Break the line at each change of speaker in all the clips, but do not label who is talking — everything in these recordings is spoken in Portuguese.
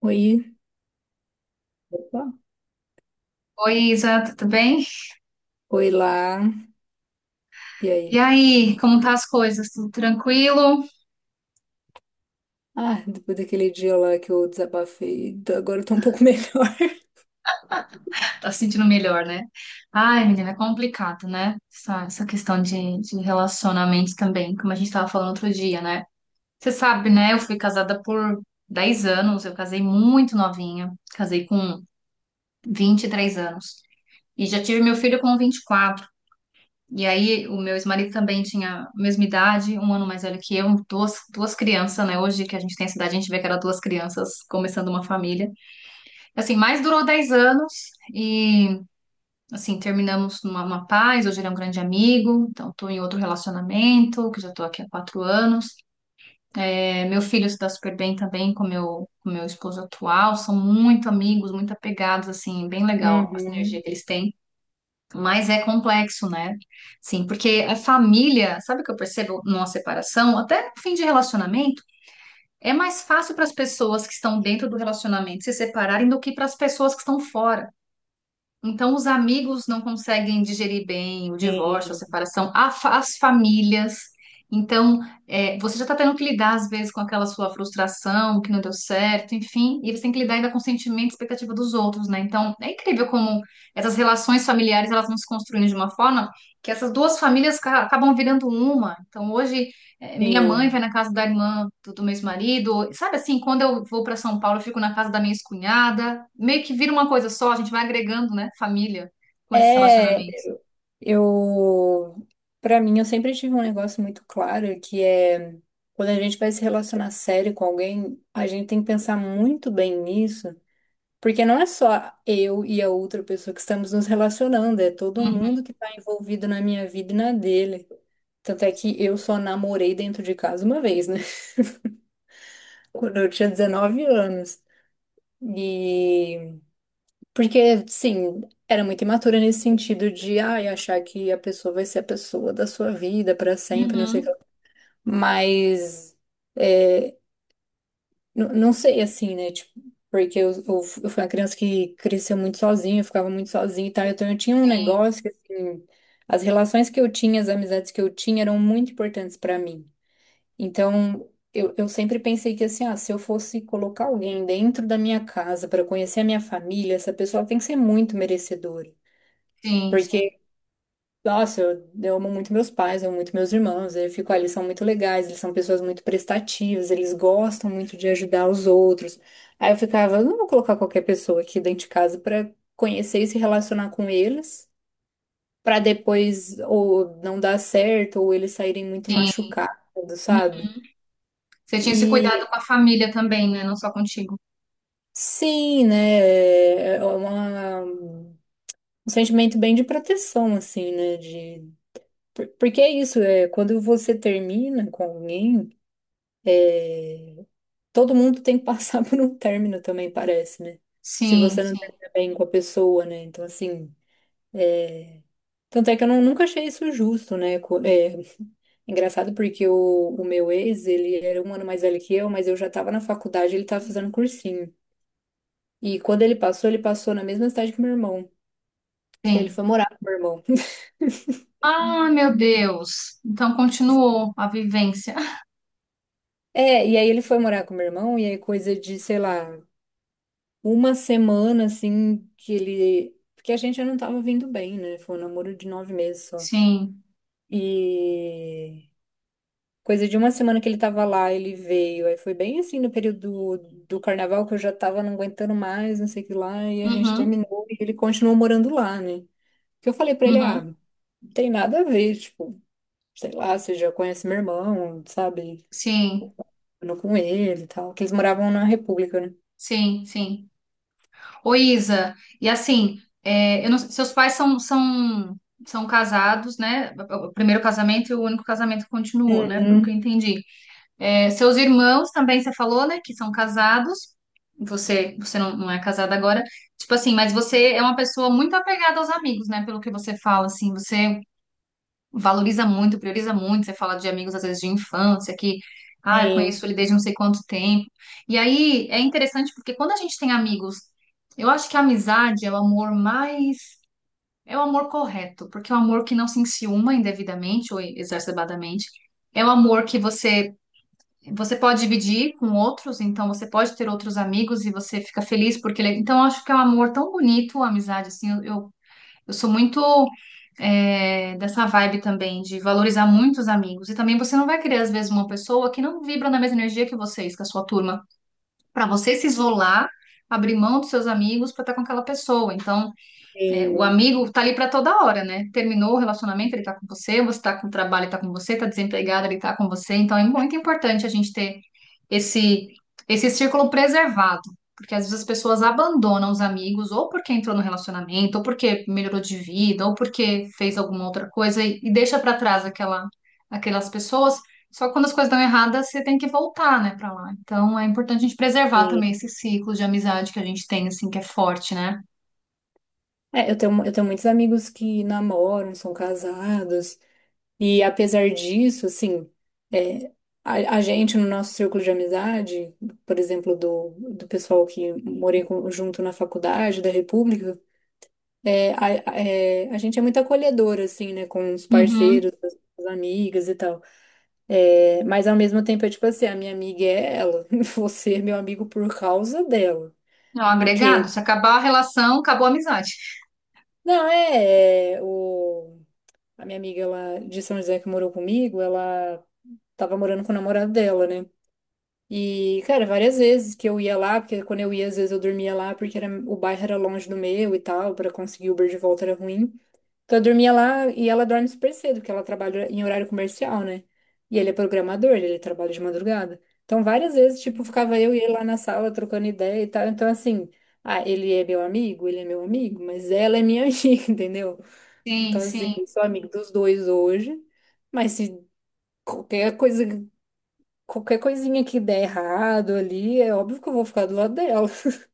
Oi. Opa.
Oi, Isa, tudo bem?
Oi lá. E
E
aí?
aí, como tá as coisas? Tudo tranquilo?
Ah, depois daquele dia lá que eu desabafei, agora eu tô um pouco melhor.
Tá se sentindo melhor, né? Ai, menina, é complicado, né? Essa questão de relacionamentos também, como a gente tava falando outro dia, né? Você sabe, né? Eu fui casada por 10 anos, eu casei muito novinha, casei com 23 anos. E já tive meu filho com 24. E quatro. E aí, o meu ex-marido também tinha a mesma idade, um ano mais velho que eu, duas crianças, né? Hoje que a gente tem essa idade, a gente vê que era duas crianças começando uma família. Assim, mais durou 10 anos e, assim, terminamos numa paz. Hoje ele é um grande amigo, então estou em outro relacionamento, que já estou aqui há 4 anos. É, meu filho se dá super bem também com meu esposo atual. São muito amigos, muito apegados, assim, bem legal a sinergia
Uhum.
que eles têm. Mas é complexo, né? Sim, porque a família, sabe o que eu percebo numa separação? Até no fim de relacionamento, é mais fácil para as pessoas que estão dentro do relacionamento se separarem do que para as pessoas que estão fora. Então, os amigos não conseguem digerir bem o divórcio, a
Sim,
separação, as famílias. Então, é, você já está tendo que lidar, às vezes, com aquela sua frustração, que não deu certo, enfim, e você tem que lidar ainda com o sentimento e expectativa dos outros, né? Então, é incrível como essas relações familiares elas vão se construindo de uma forma que essas duas famílias acabam virando uma. Então, hoje, é, minha mãe vai
sim.
na casa da irmã do meu ex-marido. Sabe assim, quando eu vou para São Paulo, eu fico na casa da minha ex-cunhada. Meio que vira uma coisa só, a gente vai agregando, né, família com esses
É,
relacionamentos.
eu, pra mim, eu sempre tive um negócio muito claro que é quando a gente vai se relacionar sério com alguém, a gente tem que pensar muito bem nisso, porque não é só eu e a outra pessoa que estamos nos relacionando, é todo
Uhum,
mundo que tá envolvido na minha vida e na dele. Tanto é que eu só namorei dentro de casa uma vez, né? Quando eu tinha 19 anos. E. Porque, sim, era muito imatura nesse sentido de, ai, achar que a pessoa vai ser a pessoa da sua vida pra sempre, não sei o que
uhum.
lá. Mas. É, não sei, assim, né? Tipo, porque eu fui uma criança que cresceu muito sozinha, eu ficava muito sozinha e tal. Então eu tinha um
Sim,
negócio que, assim. As relações que eu tinha, as amizades que eu tinha eram muito importantes pra mim. Então, eu sempre pensei que assim, ah, se eu fosse colocar alguém dentro da minha casa para conhecer a minha família, essa pessoa tem que ser muito merecedora.
sim, sim,
Porque, nossa, eu amo muito meus pais, eu amo muito meus irmãos, eu fico, ah, eles são muito legais, eles são pessoas muito prestativas, eles gostam muito de ajudar os outros. Aí eu ficava, eu não vou colocar qualquer pessoa aqui dentro de casa para conhecer e se relacionar com eles, para depois ou não dar certo, ou eles saírem muito
sim.
machucados,
Hum,
sabe?
Você tinha esse cuidado
E
com a família também, né? Não só contigo.
Sim, né? É um sentimento bem de proteção, assim, né? De, porque é isso, é, quando você termina com alguém, é, todo mundo tem que passar por um término também, parece, né? Se
Sim,
você não
sim,
termina bem com a pessoa, né? Então, assim, é, tanto é que eu não- nunca achei isso justo, né? É, engraçado porque o meu ex, ele era um ano mais velho que eu, mas eu já estava na faculdade, ele estava fazendo cursinho. E quando ele passou na mesma cidade que meu irmão. E aí ele
sim.
foi morar com o meu irmão.
Ah, meu Deus. Então continuou a vivência.
É, e aí ele foi morar com o meu irmão, e aí coisa de, sei lá, uma semana assim que ele. Porque a gente já não tava vindo bem, né? Foi um namoro de nove meses só.
Sim.
E coisa de uma semana que ele tava lá, ele veio. Aí foi bem assim no período do carnaval que eu já tava não aguentando mais, não sei o que lá, e a gente
Uhum,
terminou e ele continuou morando lá, né? Que eu falei pra ele, ah,
uhum.
não tem nada a ver, tipo, sei lá, você já conhece meu irmão, sabe?
Sim,
Morando com ele e tal, que eles moravam na República, né?
sim, sim. Ô, Isa, e assim, é, eu não- seus pais são, são, são casados, né? O primeiro casamento e o único casamento que continuou, né? Pelo que eu
Uhum.
entendi. É, seus irmãos também, você falou, né? Que são casados. Você não, não é casada agora. Tipo assim, mas você é uma pessoa muito apegada aos amigos, né? Pelo que você fala, assim, você é valoriza muito, prioriza muito. Você fala de amigos, às vezes, de infância, que, ah, eu
Sim,
conheço ele desde não sei quanto tempo. E aí é interessante porque quando a gente tem amigos, eu acho que a amizade é o amor mais. É o amor correto, porque é o amor que não se enciuma indevidamente ou exacerbadamente. É o amor que você. Você pode dividir com outros, então você pode ter outros amigos e você fica feliz porque ele é. Então, eu acho que é um amor tão bonito, a amizade, assim, eu sou muito é, dessa vibe também de valorizar muito os amigos. E também você não vai querer, às vezes, uma pessoa que não vibra na mesma energia que vocês, que é a sua turma, para você se isolar, abrir mão dos seus amigos para estar com aquela pessoa. Então, é, o
sim,
amigo tá ali para toda hora, né? Terminou o relacionamento, ele tá com você, você tá com o trabalho, ele tá com você, tá desempregado, ele tá com você. Então é muito importante a gente ter esse esse círculo preservado, porque às vezes as pessoas abandonam os amigos ou porque entrou no relacionamento, ou porque melhorou de vida, ou porque fez alguma outra coisa e deixa para trás aquelas pessoas. Só que quando as coisas dão erradas, você tem que voltar, né, para lá. Então é importante a gente preservar também
sim.
esse ciclo de amizade que a gente tem, assim, que é forte, né?
É, eu tenho muitos amigos que namoram, são casados, e apesar disso, assim, é, a gente no nosso círculo de amizade, por exemplo, do pessoal que junto na faculdade da República, é, a, é, a gente é muito acolhedora, assim, né, com os
Uhum.
parceiros, as amigas e tal. É, mas ao mesmo tempo é tipo assim, a minha amiga é ela, você é meu amigo por causa dela.
É um
Que,
agregado. Se acabar a relação, acabou a amizade.
não, a minha amiga ela, de São José que morou comigo, ela tava morando com o namorado dela, né? E, cara, várias vezes que eu ia lá, porque quando eu ia, às vezes eu dormia lá, porque era, o bairro era longe do meu e tal, pra conseguir Uber de volta era ruim. Então eu dormia lá e ela dorme super cedo, porque ela trabalha em horário comercial, né? E ele é programador, ele trabalha de madrugada. Então várias vezes, tipo, ficava eu e ele lá na sala trocando ideia e tal. Então assim, ah, ele é meu amigo, mas ela é minha amiga, entendeu?
Sim,
Então assim,
sim,
eu sou amigo dos dois hoje, mas se qualquer coisa, qualquer coisinha que der errado ali, é óbvio que eu vou ficar do lado dela.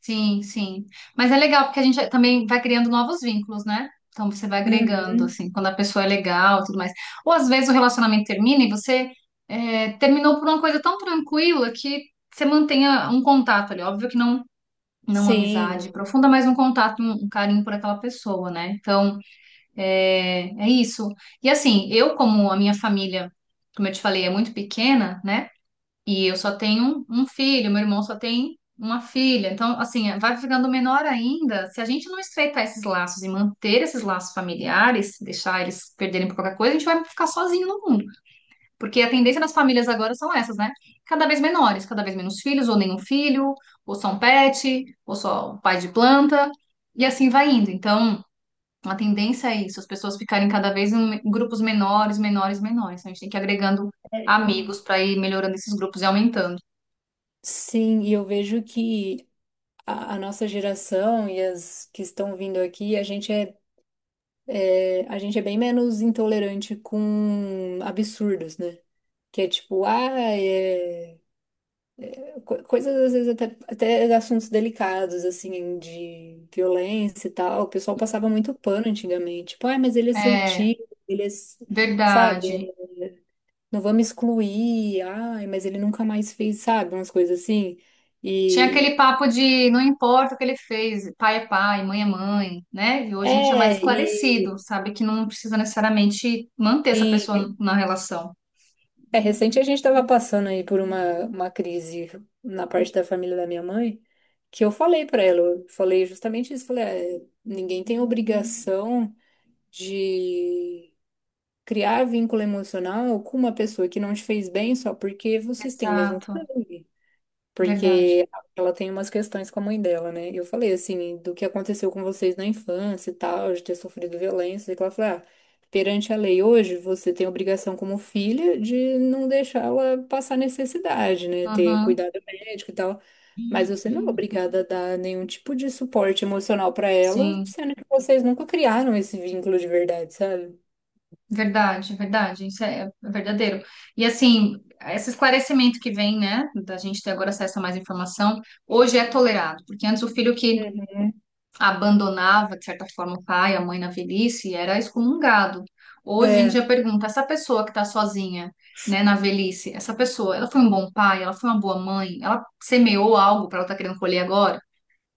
sim, sim. Mas é legal porque a gente também vai criando novos vínculos, né? Então você vai agregando,
Uhum.
assim, quando a pessoa é legal, e tudo mais. Ou às vezes o relacionamento termina e você é, terminou por uma coisa tão tranquila que você mantenha um contato ali. Óbvio que não, não uma
Sim.
amizade profunda, mas um contato, um carinho por aquela pessoa, né? Então é, é isso. E assim, eu, como a minha família, como eu te falei, é muito pequena, né? E eu só tenho um filho, meu irmão só tem uma filha. Então, assim, vai ficando menor ainda. Se a gente não estreitar esses laços e manter esses laços familiares, deixar eles perderem por qualquer coisa, a gente vai ficar sozinho no mundo. Porque a tendência das famílias agora são essas, né? Cada vez menores, cada vez menos filhos, ou nenhum filho, ou só um pet, ou só um pai de planta, e assim vai indo. Então, a tendência é isso, as pessoas ficarem cada vez em grupos menores, menores, menores. Então, a gente tem que ir agregando
É,
amigos para ir melhorando esses grupos e aumentando.
Sim, e eu vejo que a nossa geração e as que estão vindo aqui, a gente é bem menos intolerante com absurdos, né? Que é tipo, ah, é... coisas às vezes até assuntos delicados, assim, de violência e tal. O pessoal passava muito pano antigamente. Tipo, ah, mas ele é seu
É,
tio, ele é, s- sabe?
verdade.
Não vamos excluir, ai, mas ele nunca mais fez, sabe? Umas coisas assim.
Tinha aquele
E,
papo de não importa o que ele fez, pai é pai, mãe é mãe, né? E hoje a gente é mais
é, e,
esclarecido, sabe que não precisa necessariamente manter essa
sim.
pessoa na relação.
É, recente a gente estava passando aí por uma crise na parte da família da minha mãe, que eu falei para ela, eu falei justamente isso, falei, "É, ninguém tem obrigação de criar vínculo emocional com uma pessoa que não te fez bem só porque vocês têm o mesmo
Exato,
sangue."
verdade.
Porque ela tem umas questões com a mãe dela, né? Eu falei assim, do que aconteceu com vocês na infância e tal, de ter sofrido violência, e que ela falou, ah, perante a lei hoje, você tem obrigação como filha de não deixar ela passar necessidade, né? Ter
Uhum.
cuidado médico e tal. Mas você não é obrigada a dar nenhum tipo de suporte emocional pra ela,
Sim,
sendo que vocês nunca criaram esse vínculo de verdade, sabe?
verdade, verdade, isso é é verdadeiro. E assim, esse esclarecimento que vem, né, da gente ter agora acesso a mais informação, hoje é tolerado, porque antes o filho que
Uhum.
abandonava, de certa forma, o pai, a mãe na velhice, era excomungado. Hoje em
É,
dia pergunta, essa pessoa que está sozinha, né, na velhice, essa pessoa, ela foi um bom pai, ela foi uma boa mãe, ela semeou algo para ela estar querendo colher agora,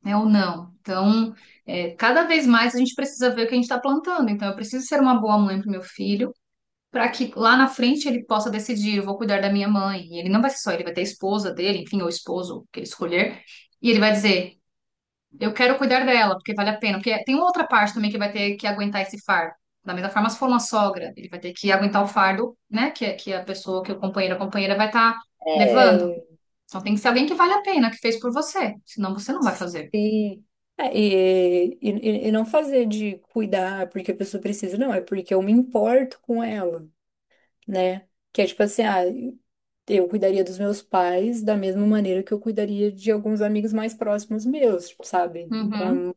né, ou não? Então, é, cada vez mais a gente precisa ver o que a gente está plantando. Então, eu preciso ser uma boa mãe para o meu filho, para que lá na frente ele possa decidir, eu vou cuidar da minha mãe. E ele não vai ser só, ele vai ter a esposa dele, enfim, ou esposo, o que ele escolher. E ele vai dizer, eu quero cuidar dela, porque vale a pena. Porque tem uma outra parte também que vai ter que aguentar esse fardo. Da mesma forma, se for uma sogra, ele vai ter que aguentar o fardo, né? Que a pessoa, que o companheiro, a companheira vai estar levando.
é.
Então tem que ser alguém que vale a pena, que fez por você. Senão você não vai fazer.
E, e não fazer de cuidar porque a pessoa precisa, não, é porque eu me importo com ela, né? Que é tipo assim, ah, eu cuidaria dos meus pais da mesma maneira que eu cuidaria de alguns amigos mais próximos meus, tipo, sabe?
Uhum.
Com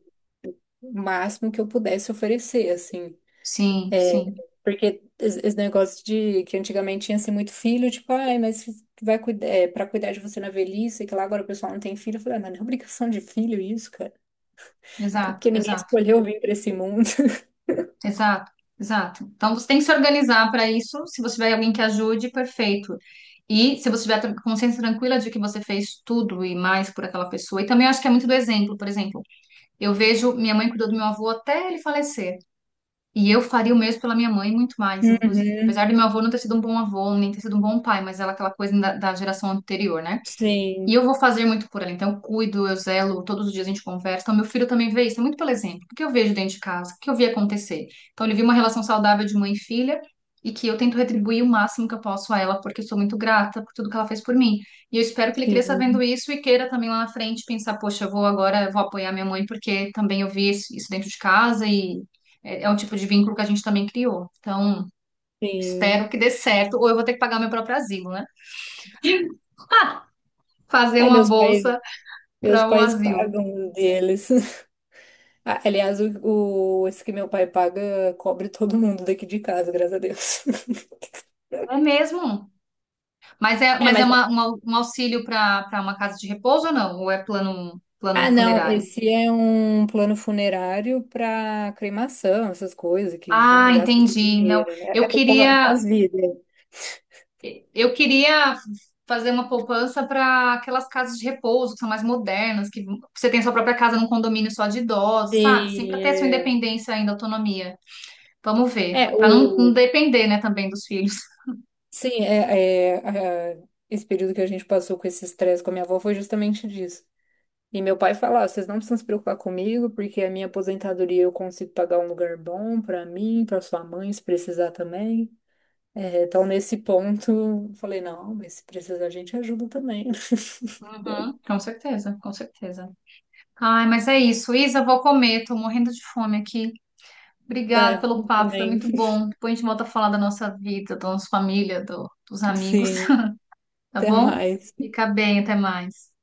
o máximo que eu pudesse oferecer, assim.
Sim,
É,
sim.
porque esse negócio de que antigamente tinha assim muito filho, tipo, ai, mas vai cuidar, é, para cuidar de você na velhice, que lá agora o pessoal não tem filho, eu falei, ah, mas não é obrigação de filho isso, cara. Até
Exato,
porque ninguém
exato,
escolheu vir para esse mundo.
exato, exato. Então você tem que se organizar para isso. Se você tiver alguém que ajude, perfeito. E se você tiver consciência tranquila de que você fez tudo e mais por aquela pessoa. E também acho que é muito do exemplo, por exemplo. Eu vejo minha mãe cuidou do meu avô até ele falecer. E eu faria o mesmo pela minha mãe, muito mais, inclusive.
Uhum.
Apesar do meu avô não ter sido um bom avô, nem ter sido um bom pai, mas ela é aquela coisa da geração anterior, né? E
Sim,
eu vou fazer muito por ela. Então, eu cuido, eu zelo, todos os dias a gente conversa. Então, meu filho também vê isso, é muito pelo exemplo. O que eu vejo dentro de casa, o que eu vi acontecer. Então, ele viu uma relação saudável de mãe e filha e que eu tento retribuir o máximo que eu posso a ela, porque eu sou muito grata por tudo que ela fez por mim. E eu espero que ele cresça vendo
sim,
isso e queira também lá na frente pensar, poxa, eu vou agora, eu vou apoiar minha mãe, porque também eu vi isso dentro de casa e é, é um tipo de vínculo que a gente também criou. Então,
sim.
espero que dê certo, ou eu vou ter que pagar meu próprio asilo, né? Fazer
É,
uma
meus pais,
bolsa
Meus
para o
pais
asilo.
pagam os deles. Ah, aliás, esse que meu pai paga cobre todo mundo daqui de casa, graças a Deus.
É mesmo?
É,
Mas é
mas
uma, um auxílio para uma casa de repouso ou não? Ou é plano, plano
ah, não,
funerário?
esse é um plano funerário para cremação, essas coisas que, né,
Ah,
gasta seu
entendi. Não,
dinheiro, né?
eu
É pro
queria
pós-vida.
eu queria fazer uma poupança para aquelas casas de repouso que são mais modernas, que você tem sua própria casa num condomínio só de idosos, sabe? Sempre
Sim,
ter a sua
é,
independência ainda, autonomia. Vamos ver,
é
para não, não
o
depender, né, também dos filhos.
Sim, esse período que a gente passou com esse estresse com a minha avó foi justamente disso. E meu pai falava, vocês não precisam se preocupar comigo, porque a minha aposentadoria eu consigo pagar um lugar bom pra mim, pra sua mãe, se precisar também. É, então, nesse ponto, eu falei, não, mas se precisar, a gente ajuda também.
Uhum, com certeza, com certeza. Ai, mas é isso. Isa, vou comer, tô morrendo de fome aqui.
É,
Obrigado pelo
eu
papo, foi
também.
muito bom. Depois a gente volta a falar da nossa vida, da nossa família, dos amigos,
Sim,
tá
até
bom?
mais.
Fica bem, até mais.